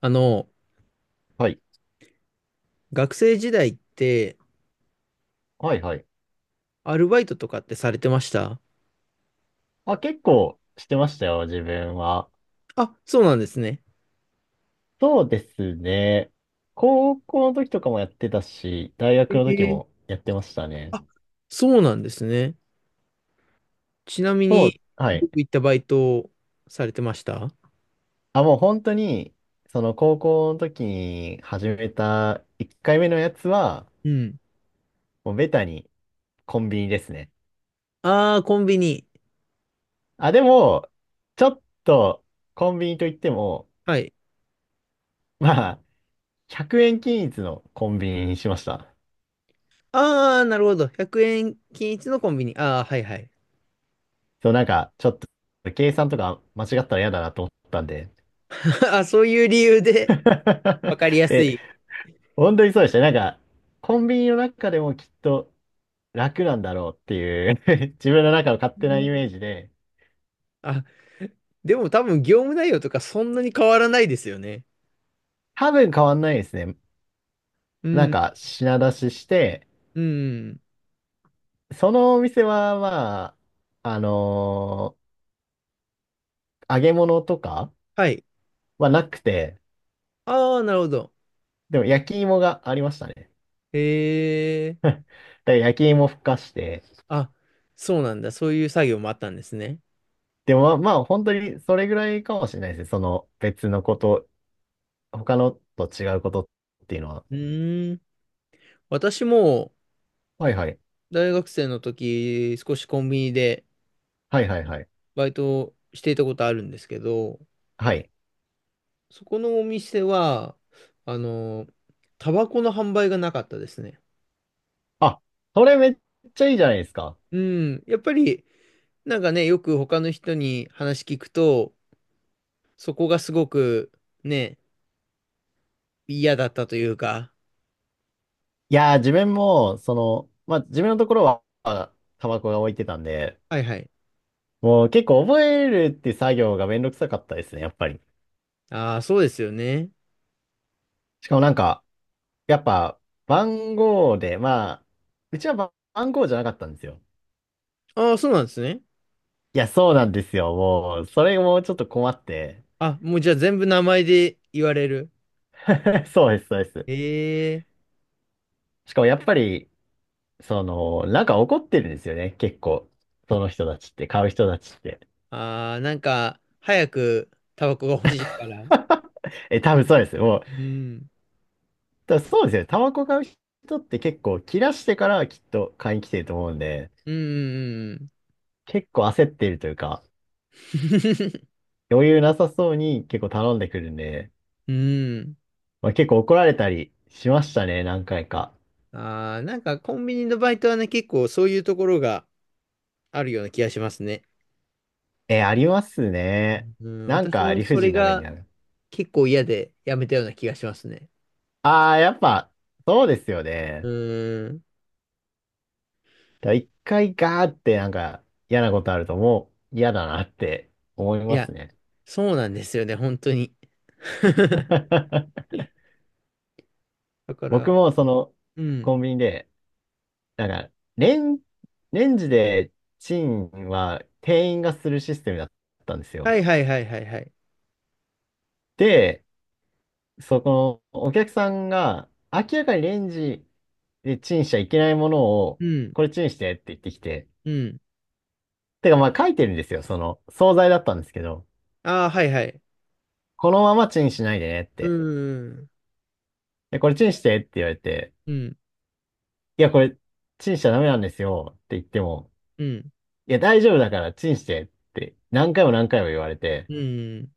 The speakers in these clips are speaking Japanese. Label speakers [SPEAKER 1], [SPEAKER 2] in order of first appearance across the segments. [SPEAKER 1] あの、
[SPEAKER 2] はい。
[SPEAKER 1] 学生時代って、
[SPEAKER 2] はいはい。
[SPEAKER 1] アルバイトとかってされてました？
[SPEAKER 2] あ、結構してましたよ、自分は。
[SPEAKER 1] あ、そうなんですね。
[SPEAKER 2] そうですね。高校の時とかもやってたし、大学
[SPEAKER 1] え
[SPEAKER 2] の時
[SPEAKER 1] ー、
[SPEAKER 2] もやってましたね。
[SPEAKER 1] あ、そうなんですね。ちなみ
[SPEAKER 2] そう、
[SPEAKER 1] に、
[SPEAKER 2] はい。
[SPEAKER 1] 僕行ったバイトをされてました？
[SPEAKER 2] あ、もう本当に、その高校の時に始めた1回目のやつは、
[SPEAKER 1] うん。
[SPEAKER 2] もうベタにコンビニですね。
[SPEAKER 1] ああ、コンビニ。
[SPEAKER 2] あ、でも、ちょっとコンビニといっても、
[SPEAKER 1] はい。
[SPEAKER 2] まあ、100円均一のコンビニにしました。
[SPEAKER 1] ああ、なるほど。100円均一のコンビニ。ああ、はいはい。
[SPEAKER 2] そう、なんか、ちょっと、計算とか間違ったら嫌だなと思ったんで。
[SPEAKER 1] あ、そういう理由で、わ かりやす
[SPEAKER 2] え、
[SPEAKER 1] い。
[SPEAKER 2] 本当にそうでしたね。なんか、コンビニの中でもきっと楽なんだろうっていう 自分の中の勝
[SPEAKER 1] う
[SPEAKER 2] 手なイメ
[SPEAKER 1] ん。
[SPEAKER 2] ージで。
[SPEAKER 1] あ、でも多分業務内容とかそんなに変わらないですよね。
[SPEAKER 2] 多分変わんないですね。
[SPEAKER 1] う
[SPEAKER 2] なん
[SPEAKER 1] ん、
[SPEAKER 2] か、品出しして、
[SPEAKER 1] うん。
[SPEAKER 2] そのお店は、まあ、揚げ物とか
[SPEAKER 1] はい。
[SPEAKER 2] はなくて、
[SPEAKER 1] ああ、なるほど。
[SPEAKER 2] でも焼き芋がありましたね。
[SPEAKER 1] へえ。
[SPEAKER 2] だから焼き芋ふかして。
[SPEAKER 1] あ、そうなんだ。そういう作業もあったんですね。
[SPEAKER 2] でもまあ本当にそれぐらいかもしれないですね。その別のこと他のと違うことっていうのは。
[SPEAKER 1] うーん。私も
[SPEAKER 2] はいはい。
[SPEAKER 1] 大学生の時、少しコンビニで
[SPEAKER 2] はいはいはい。
[SPEAKER 1] バイトをしていたことあるんですけど、
[SPEAKER 2] はい。
[SPEAKER 1] そこのお店は、あの、タバコの販売がなかったですね。
[SPEAKER 2] あ、それめっちゃいいじゃないですか。
[SPEAKER 1] うん。やっぱり、なんかね、よく他の人に話聞くと、そこがすごくね、嫌だったというか。
[SPEAKER 2] いやー、自分も、その、まあ、自分のところは、タバコが置いてたんで、
[SPEAKER 1] はいはい。
[SPEAKER 2] もう結構覚えるって作業がめんどくさかったですね、やっぱり。
[SPEAKER 1] ああ、そうですよね。
[SPEAKER 2] しかもなんか、やっぱ、番号で、まあ、うちは番号じゃなかったんですよ。
[SPEAKER 1] ああ、そうなんですね。
[SPEAKER 2] いや、そうなんですよ。もう、それもちょっと困って。
[SPEAKER 1] あ、もうじゃあ全部名前で言われる？
[SPEAKER 2] そうです、そうです。
[SPEAKER 1] ええ。
[SPEAKER 2] しかもやっぱり、その、なんか怒ってるんですよね、結構。その人たちって、買う人たちって。
[SPEAKER 1] ああー、なんか、早くタバコが欲しいから。
[SPEAKER 2] え、多分そうです。もう、
[SPEAKER 1] うん。
[SPEAKER 2] 多分そうですよ。タバコ買う人って結構切らしてからきっと買いに来てると思うんで、
[SPEAKER 1] うんうんうん
[SPEAKER 2] 結構焦ってるというか、
[SPEAKER 1] うん。
[SPEAKER 2] 余裕なさそうに結構頼んでくるんで、
[SPEAKER 1] うん。
[SPEAKER 2] まあ、結構怒られたりしましたね、何回か。
[SPEAKER 1] ああ、なんかコンビニのバイトはね、結構そういうところがあるような気がしますね。
[SPEAKER 2] え、ありますね。
[SPEAKER 1] うん。
[SPEAKER 2] なん
[SPEAKER 1] 私
[SPEAKER 2] か
[SPEAKER 1] も
[SPEAKER 2] 理不
[SPEAKER 1] それ
[SPEAKER 2] 尽な目に
[SPEAKER 1] が
[SPEAKER 2] ある。
[SPEAKER 1] 結構嫌でやめたような気がしますね。
[SPEAKER 2] ああ、やっぱ、そうですよ
[SPEAKER 1] う
[SPEAKER 2] ね。
[SPEAKER 1] ん。
[SPEAKER 2] だから一回ガーってなんか嫌なことあるともう嫌だなって思い
[SPEAKER 1] い
[SPEAKER 2] ま
[SPEAKER 1] や、
[SPEAKER 2] すね。
[SPEAKER 1] そうなんですよね、本当に。だか
[SPEAKER 2] 僕
[SPEAKER 1] ら、
[SPEAKER 2] もその
[SPEAKER 1] うん。
[SPEAKER 2] コンビニで、なんかレン、レンジでチンは店員がするシステムだったんです
[SPEAKER 1] は
[SPEAKER 2] よ。
[SPEAKER 1] いはいはいはいはい。
[SPEAKER 2] で、そこのお客さんが明らかにレンジでチンしちゃいけないものを
[SPEAKER 1] うん。
[SPEAKER 2] これチンしてって言ってきて、
[SPEAKER 1] うん。
[SPEAKER 2] てかまあ書いてるんですよ。その惣菜だったんですけど、
[SPEAKER 1] ああ、はいはい。
[SPEAKER 2] このままチンしないでねっ
[SPEAKER 1] う
[SPEAKER 2] て。
[SPEAKER 1] ん。
[SPEAKER 2] で、これチンしてって言われて、
[SPEAKER 1] うん。
[SPEAKER 2] いや、これ、チンしちゃダメなんですよって言っても、
[SPEAKER 1] うん。
[SPEAKER 2] いや、大丈夫だからチンしてって何回も何回も言われて、
[SPEAKER 1] うん、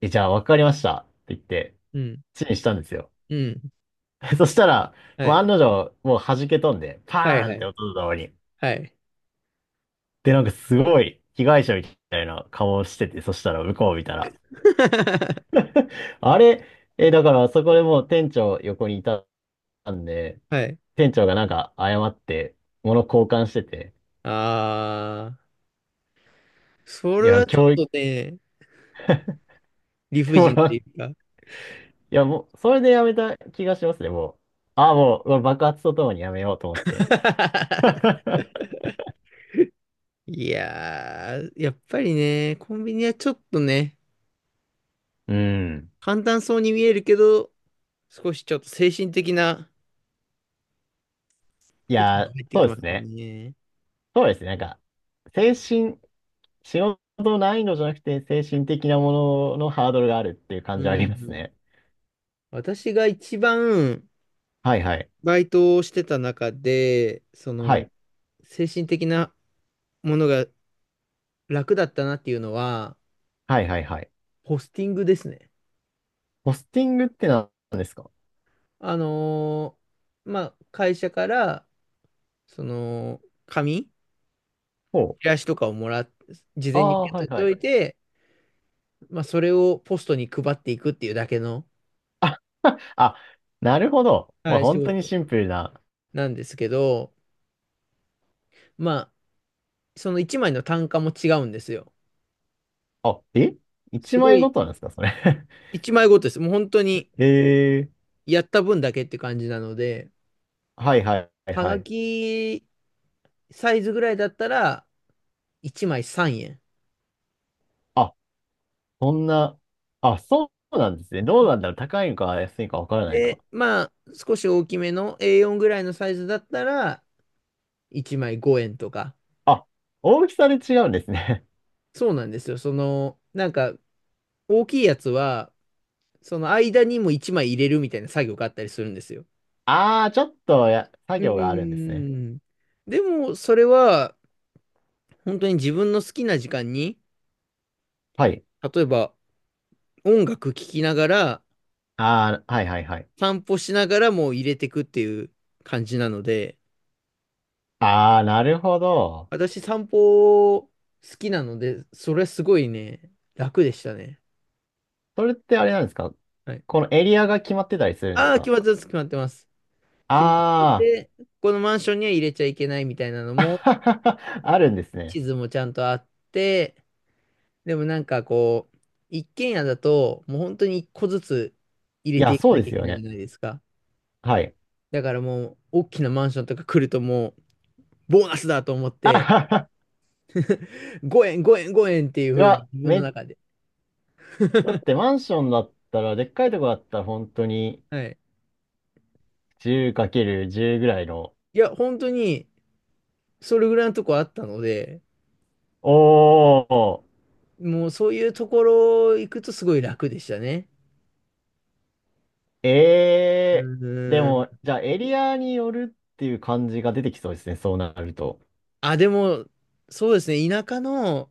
[SPEAKER 2] え、じゃあわかりましたって言って、
[SPEAKER 1] うん、
[SPEAKER 2] チンしたんですよ。
[SPEAKER 1] うん。
[SPEAKER 2] そしたら、
[SPEAKER 1] は
[SPEAKER 2] もう
[SPEAKER 1] い。
[SPEAKER 2] 案の定、もう弾け飛んで、
[SPEAKER 1] は
[SPEAKER 2] パ
[SPEAKER 1] い、
[SPEAKER 2] ーン
[SPEAKER 1] は
[SPEAKER 2] って
[SPEAKER 1] い。
[SPEAKER 2] 音とともに。
[SPEAKER 1] はい。
[SPEAKER 2] で、なんかすごい被害者みたいな顔をしてて、そしたら向こう見たら。あれ、え、だからそこでもう店長横にいたんで、
[SPEAKER 1] はい。
[SPEAKER 2] 店長がなんか謝って、物交換してて、
[SPEAKER 1] あー、そ
[SPEAKER 2] い
[SPEAKER 1] れ
[SPEAKER 2] や、
[SPEAKER 1] はちょ
[SPEAKER 2] 教
[SPEAKER 1] っ
[SPEAKER 2] 育。
[SPEAKER 1] とね、理 不尽って
[SPEAKER 2] 物
[SPEAKER 1] いうか。
[SPEAKER 2] いや、もう、それでやめた気がしますね、もう。ああ、もう、爆発とともにやめようと思って。
[SPEAKER 1] いやー、やっぱりね、コンビニはちょっとね、
[SPEAKER 2] うん。
[SPEAKER 1] 簡単そうに見えるけど、少しちょっと精神的な
[SPEAKER 2] い
[SPEAKER 1] ことも
[SPEAKER 2] や、
[SPEAKER 1] 入ってき
[SPEAKER 2] そうで
[SPEAKER 1] ま
[SPEAKER 2] す
[SPEAKER 1] すよ
[SPEAKER 2] ね。
[SPEAKER 1] ね。
[SPEAKER 2] そうですね。なんか、精神、仕事難易度じゃなくて、精神的なもののハードルがあるっていう感
[SPEAKER 1] う
[SPEAKER 2] じはあります
[SPEAKER 1] ん。
[SPEAKER 2] ね。
[SPEAKER 1] 私が一番
[SPEAKER 2] はいはい。
[SPEAKER 1] バイトをしてた中で、そ
[SPEAKER 2] は
[SPEAKER 1] の、
[SPEAKER 2] い。
[SPEAKER 1] 精神的なものが楽だったなっていうのは、
[SPEAKER 2] はいはいはい。
[SPEAKER 1] ホスティングですね。
[SPEAKER 2] ポスティングって何ですか？
[SPEAKER 1] あのまあ、会社から、その、紙、
[SPEAKER 2] ほう。
[SPEAKER 1] チラシとかをもらっ、事
[SPEAKER 2] あ
[SPEAKER 1] 前に受
[SPEAKER 2] あ、
[SPEAKER 1] け
[SPEAKER 2] は
[SPEAKER 1] 取
[SPEAKER 2] い
[SPEAKER 1] って
[SPEAKER 2] は
[SPEAKER 1] お
[SPEAKER 2] い。
[SPEAKER 1] いて、まあ、それをポストに配っていくっていうだけの、
[SPEAKER 2] あ、なるほど。ま
[SPEAKER 1] は
[SPEAKER 2] あ、
[SPEAKER 1] い、仕
[SPEAKER 2] 本当に
[SPEAKER 1] 事
[SPEAKER 2] シンプルな。
[SPEAKER 1] なんですけど、まあ、その1枚の単価も違うんですよ。
[SPEAKER 2] あ、一
[SPEAKER 1] すご
[SPEAKER 2] 枚ご
[SPEAKER 1] い、
[SPEAKER 2] となんですか、それ？
[SPEAKER 1] 1枚ごとです。もう本当に、
[SPEAKER 2] ええ。
[SPEAKER 1] やった分だけって感じなので、
[SPEAKER 2] はいはいはい
[SPEAKER 1] は
[SPEAKER 2] は
[SPEAKER 1] が
[SPEAKER 2] い。
[SPEAKER 1] きサイズぐらいだったら、1枚3円。
[SPEAKER 2] あ、そんな、あ、そうなんですね。どうなんだろう。高いのか安いのかわからないな。
[SPEAKER 1] で、まあ、少し大きめの A4 ぐらいのサイズだったら、1枚5円とか。
[SPEAKER 2] あ、大きさで違うんですね。
[SPEAKER 1] そうなんですよ。その、なんか、大きいやつは、その間にも1枚入れるみたいな作業があったりするんですよ。
[SPEAKER 2] ああ、ちょっとや、作
[SPEAKER 1] うー
[SPEAKER 2] 業があるんですね。
[SPEAKER 1] ん。でも、それは、本当に自分の好きな時間に、
[SPEAKER 2] はい。
[SPEAKER 1] 例えば、音楽聴きながら、
[SPEAKER 2] ああ、はいはいはい。
[SPEAKER 1] 散歩しながらもう入れてくっていう感じなので、
[SPEAKER 2] ああ、なるほど。
[SPEAKER 1] 私散歩好きなので、それはすごいね、楽でしたね。
[SPEAKER 2] それってあれなんですか？
[SPEAKER 1] はい。
[SPEAKER 2] このエリアが決まってたりするんです
[SPEAKER 1] ああ、決
[SPEAKER 2] か？
[SPEAKER 1] まってます、決まってます。決まって
[SPEAKER 2] あ
[SPEAKER 1] て、このマンションには入れちゃいけないみたいなのも、
[SPEAKER 2] あー。あるんですね。
[SPEAKER 1] 地図もちゃんとあって、でもなんかこう、一軒家だと、もう本当に一個ずつ入
[SPEAKER 2] い
[SPEAKER 1] れて
[SPEAKER 2] や、
[SPEAKER 1] いか
[SPEAKER 2] そう
[SPEAKER 1] な
[SPEAKER 2] で
[SPEAKER 1] きゃ
[SPEAKER 2] す
[SPEAKER 1] いけ
[SPEAKER 2] よ
[SPEAKER 1] ないじ
[SPEAKER 2] ね。
[SPEAKER 1] ゃないですか。
[SPEAKER 2] はい。
[SPEAKER 1] だからもう、大きなマンションとか来るともう、ボーナスだと思っ
[SPEAKER 2] あ
[SPEAKER 1] て、
[SPEAKER 2] はは。
[SPEAKER 1] 5円、5円、5円っていう
[SPEAKER 2] い
[SPEAKER 1] ふう
[SPEAKER 2] や、
[SPEAKER 1] に自分の
[SPEAKER 2] め、
[SPEAKER 1] 中で。
[SPEAKER 2] だっ てマンションだったら、でっかいとこだったら本当に
[SPEAKER 1] はい。
[SPEAKER 2] 10×10 ぐらいの。
[SPEAKER 1] いや、本当に、それぐらいのとこあったので、
[SPEAKER 2] お
[SPEAKER 1] もうそういうところ行くとすごい楽でしたね。
[SPEAKER 2] ー、
[SPEAKER 1] う
[SPEAKER 2] えー、で
[SPEAKER 1] ーん。
[SPEAKER 2] も、じゃあエリアによるっていう感じが出てきそうですね、そうなると。
[SPEAKER 1] あ、でも、そうですね。田舎の、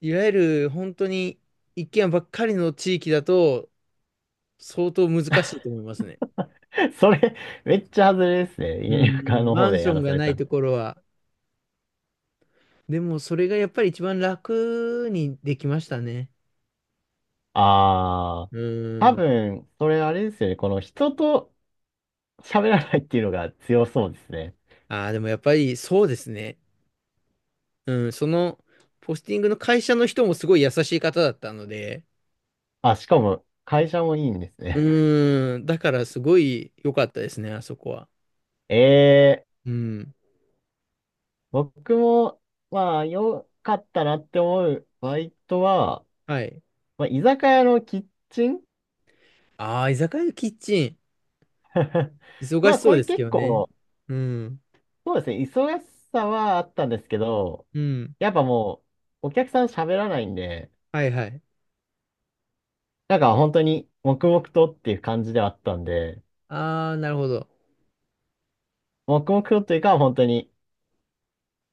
[SPEAKER 1] いわゆる本当に一軒家ばっかりの地域だと、相当難しいと思いますね。
[SPEAKER 2] それ、めっちゃ外れです
[SPEAKER 1] う
[SPEAKER 2] ね、田舎
[SPEAKER 1] んん、
[SPEAKER 2] の
[SPEAKER 1] マ
[SPEAKER 2] 方
[SPEAKER 1] ン
[SPEAKER 2] で
[SPEAKER 1] ショ
[SPEAKER 2] や
[SPEAKER 1] ン
[SPEAKER 2] ら
[SPEAKER 1] が
[SPEAKER 2] され
[SPEAKER 1] ない
[SPEAKER 2] たの。
[SPEAKER 1] ところは。でも、それがやっぱり一番楽にできましたね。
[SPEAKER 2] あー、
[SPEAKER 1] う
[SPEAKER 2] 多
[SPEAKER 1] ん。
[SPEAKER 2] 分、それあれですよね、この人と喋らないっていうのが強そうですね。
[SPEAKER 1] ああ、でもやっぱりそうですね。うん、その、ポスティングの会社の人もすごい優しい方だったので、
[SPEAKER 2] あ、しかも、会社もいいんですね。
[SPEAKER 1] うん、だからすごい良かったですね、あそこは。
[SPEAKER 2] えー、
[SPEAKER 1] うん。
[SPEAKER 2] 僕も、まあ、良かったなって思うバイトは、
[SPEAKER 1] はい。
[SPEAKER 2] まあ、居酒屋のキッチン。
[SPEAKER 1] ああ、居酒屋のキッチン。忙
[SPEAKER 2] ま
[SPEAKER 1] し
[SPEAKER 2] あ、
[SPEAKER 1] そ
[SPEAKER 2] こ
[SPEAKER 1] う
[SPEAKER 2] れ
[SPEAKER 1] ですけ
[SPEAKER 2] 結
[SPEAKER 1] どね。
[SPEAKER 2] 構、
[SPEAKER 1] うん。
[SPEAKER 2] そうですね、忙しさはあったんですけど、
[SPEAKER 1] うん。
[SPEAKER 2] やっぱもう、お客さん喋らないんで、
[SPEAKER 1] はいはい。
[SPEAKER 2] なんか本当に黙々とっていう感じではあったんで、
[SPEAKER 1] ああ、なるほど。
[SPEAKER 2] 黙々とっていうか本当に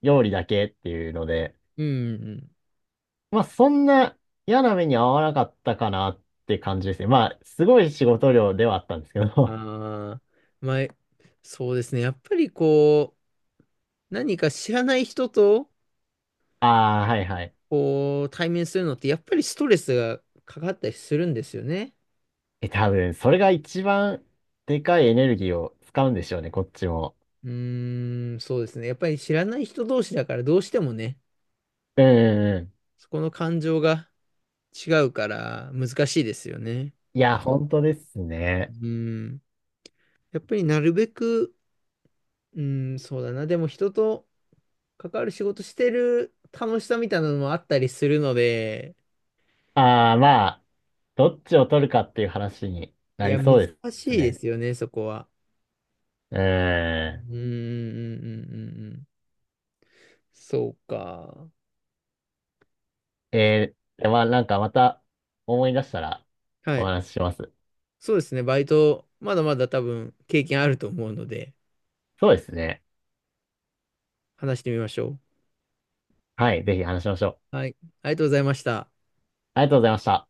[SPEAKER 2] 料理だけっていうので、
[SPEAKER 1] うん。
[SPEAKER 2] まあそんな嫌な目に遭わなかったかなって感じですね。まあすごい仕事量ではあったんですけど、
[SPEAKER 1] ああー、まあ、そうですね。やっぱりこう、何か知らない人と、
[SPEAKER 2] ああ、はいはい。
[SPEAKER 1] こう、対面するのって、やっぱりストレスがかかったりするんですよね。
[SPEAKER 2] え、多分それが一番でかいエネルギーを使うんでしょうね、こっちも。
[SPEAKER 1] うーん、そうですね。やっぱり知らない人同士だから、どうしてもね、
[SPEAKER 2] うんうんうん。
[SPEAKER 1] そこの感情が違うから難しいですよね。
[SPEAKER 2] いや、本当ですね。
[SPEAKER 1] うん。やっぱりなるべく、うん、そうだな。でも人と、関わる仕事してる楽しさみたいなのもあったりするので、
[SPEAKER 2] ああ、まあ。どっちを取るかっていう話に
[SPEAKER 1] い
[SPEAKER 2] なり
[SPEAKER 1] や、難
[SPEAKER 2] そうで
[SPEAKER 1] し
[SPEAKER 2] す
[SPEAKER 1] いで
[SPEAKER 2] ね。
[SPEAKER 1] すよね、そこは。
[SPEAKER 2] うーん。
[SPEAKER 1] うん、うん、うん、うんうん。そうか。
[SPEAKER 2] えー、でまあなんかまた思い出したら
[SPEAKER 1] は
[SPEAKER 2] お
[SPEAKER 1] い。
[SPEAKER 2] 話しします。
[SPEAKER 1] そうですね、バイト、まだまだ多分経験あると思うので、
[SPEAKER 2] そうですね。
[SPEAKER 1] 話してみましょう。
[SPEAKER 2] はい、ぜひ話しましょう。
[SPEAKER 1] はい。ありがとうございました。
[SPEAKER 2] ありがとうございました。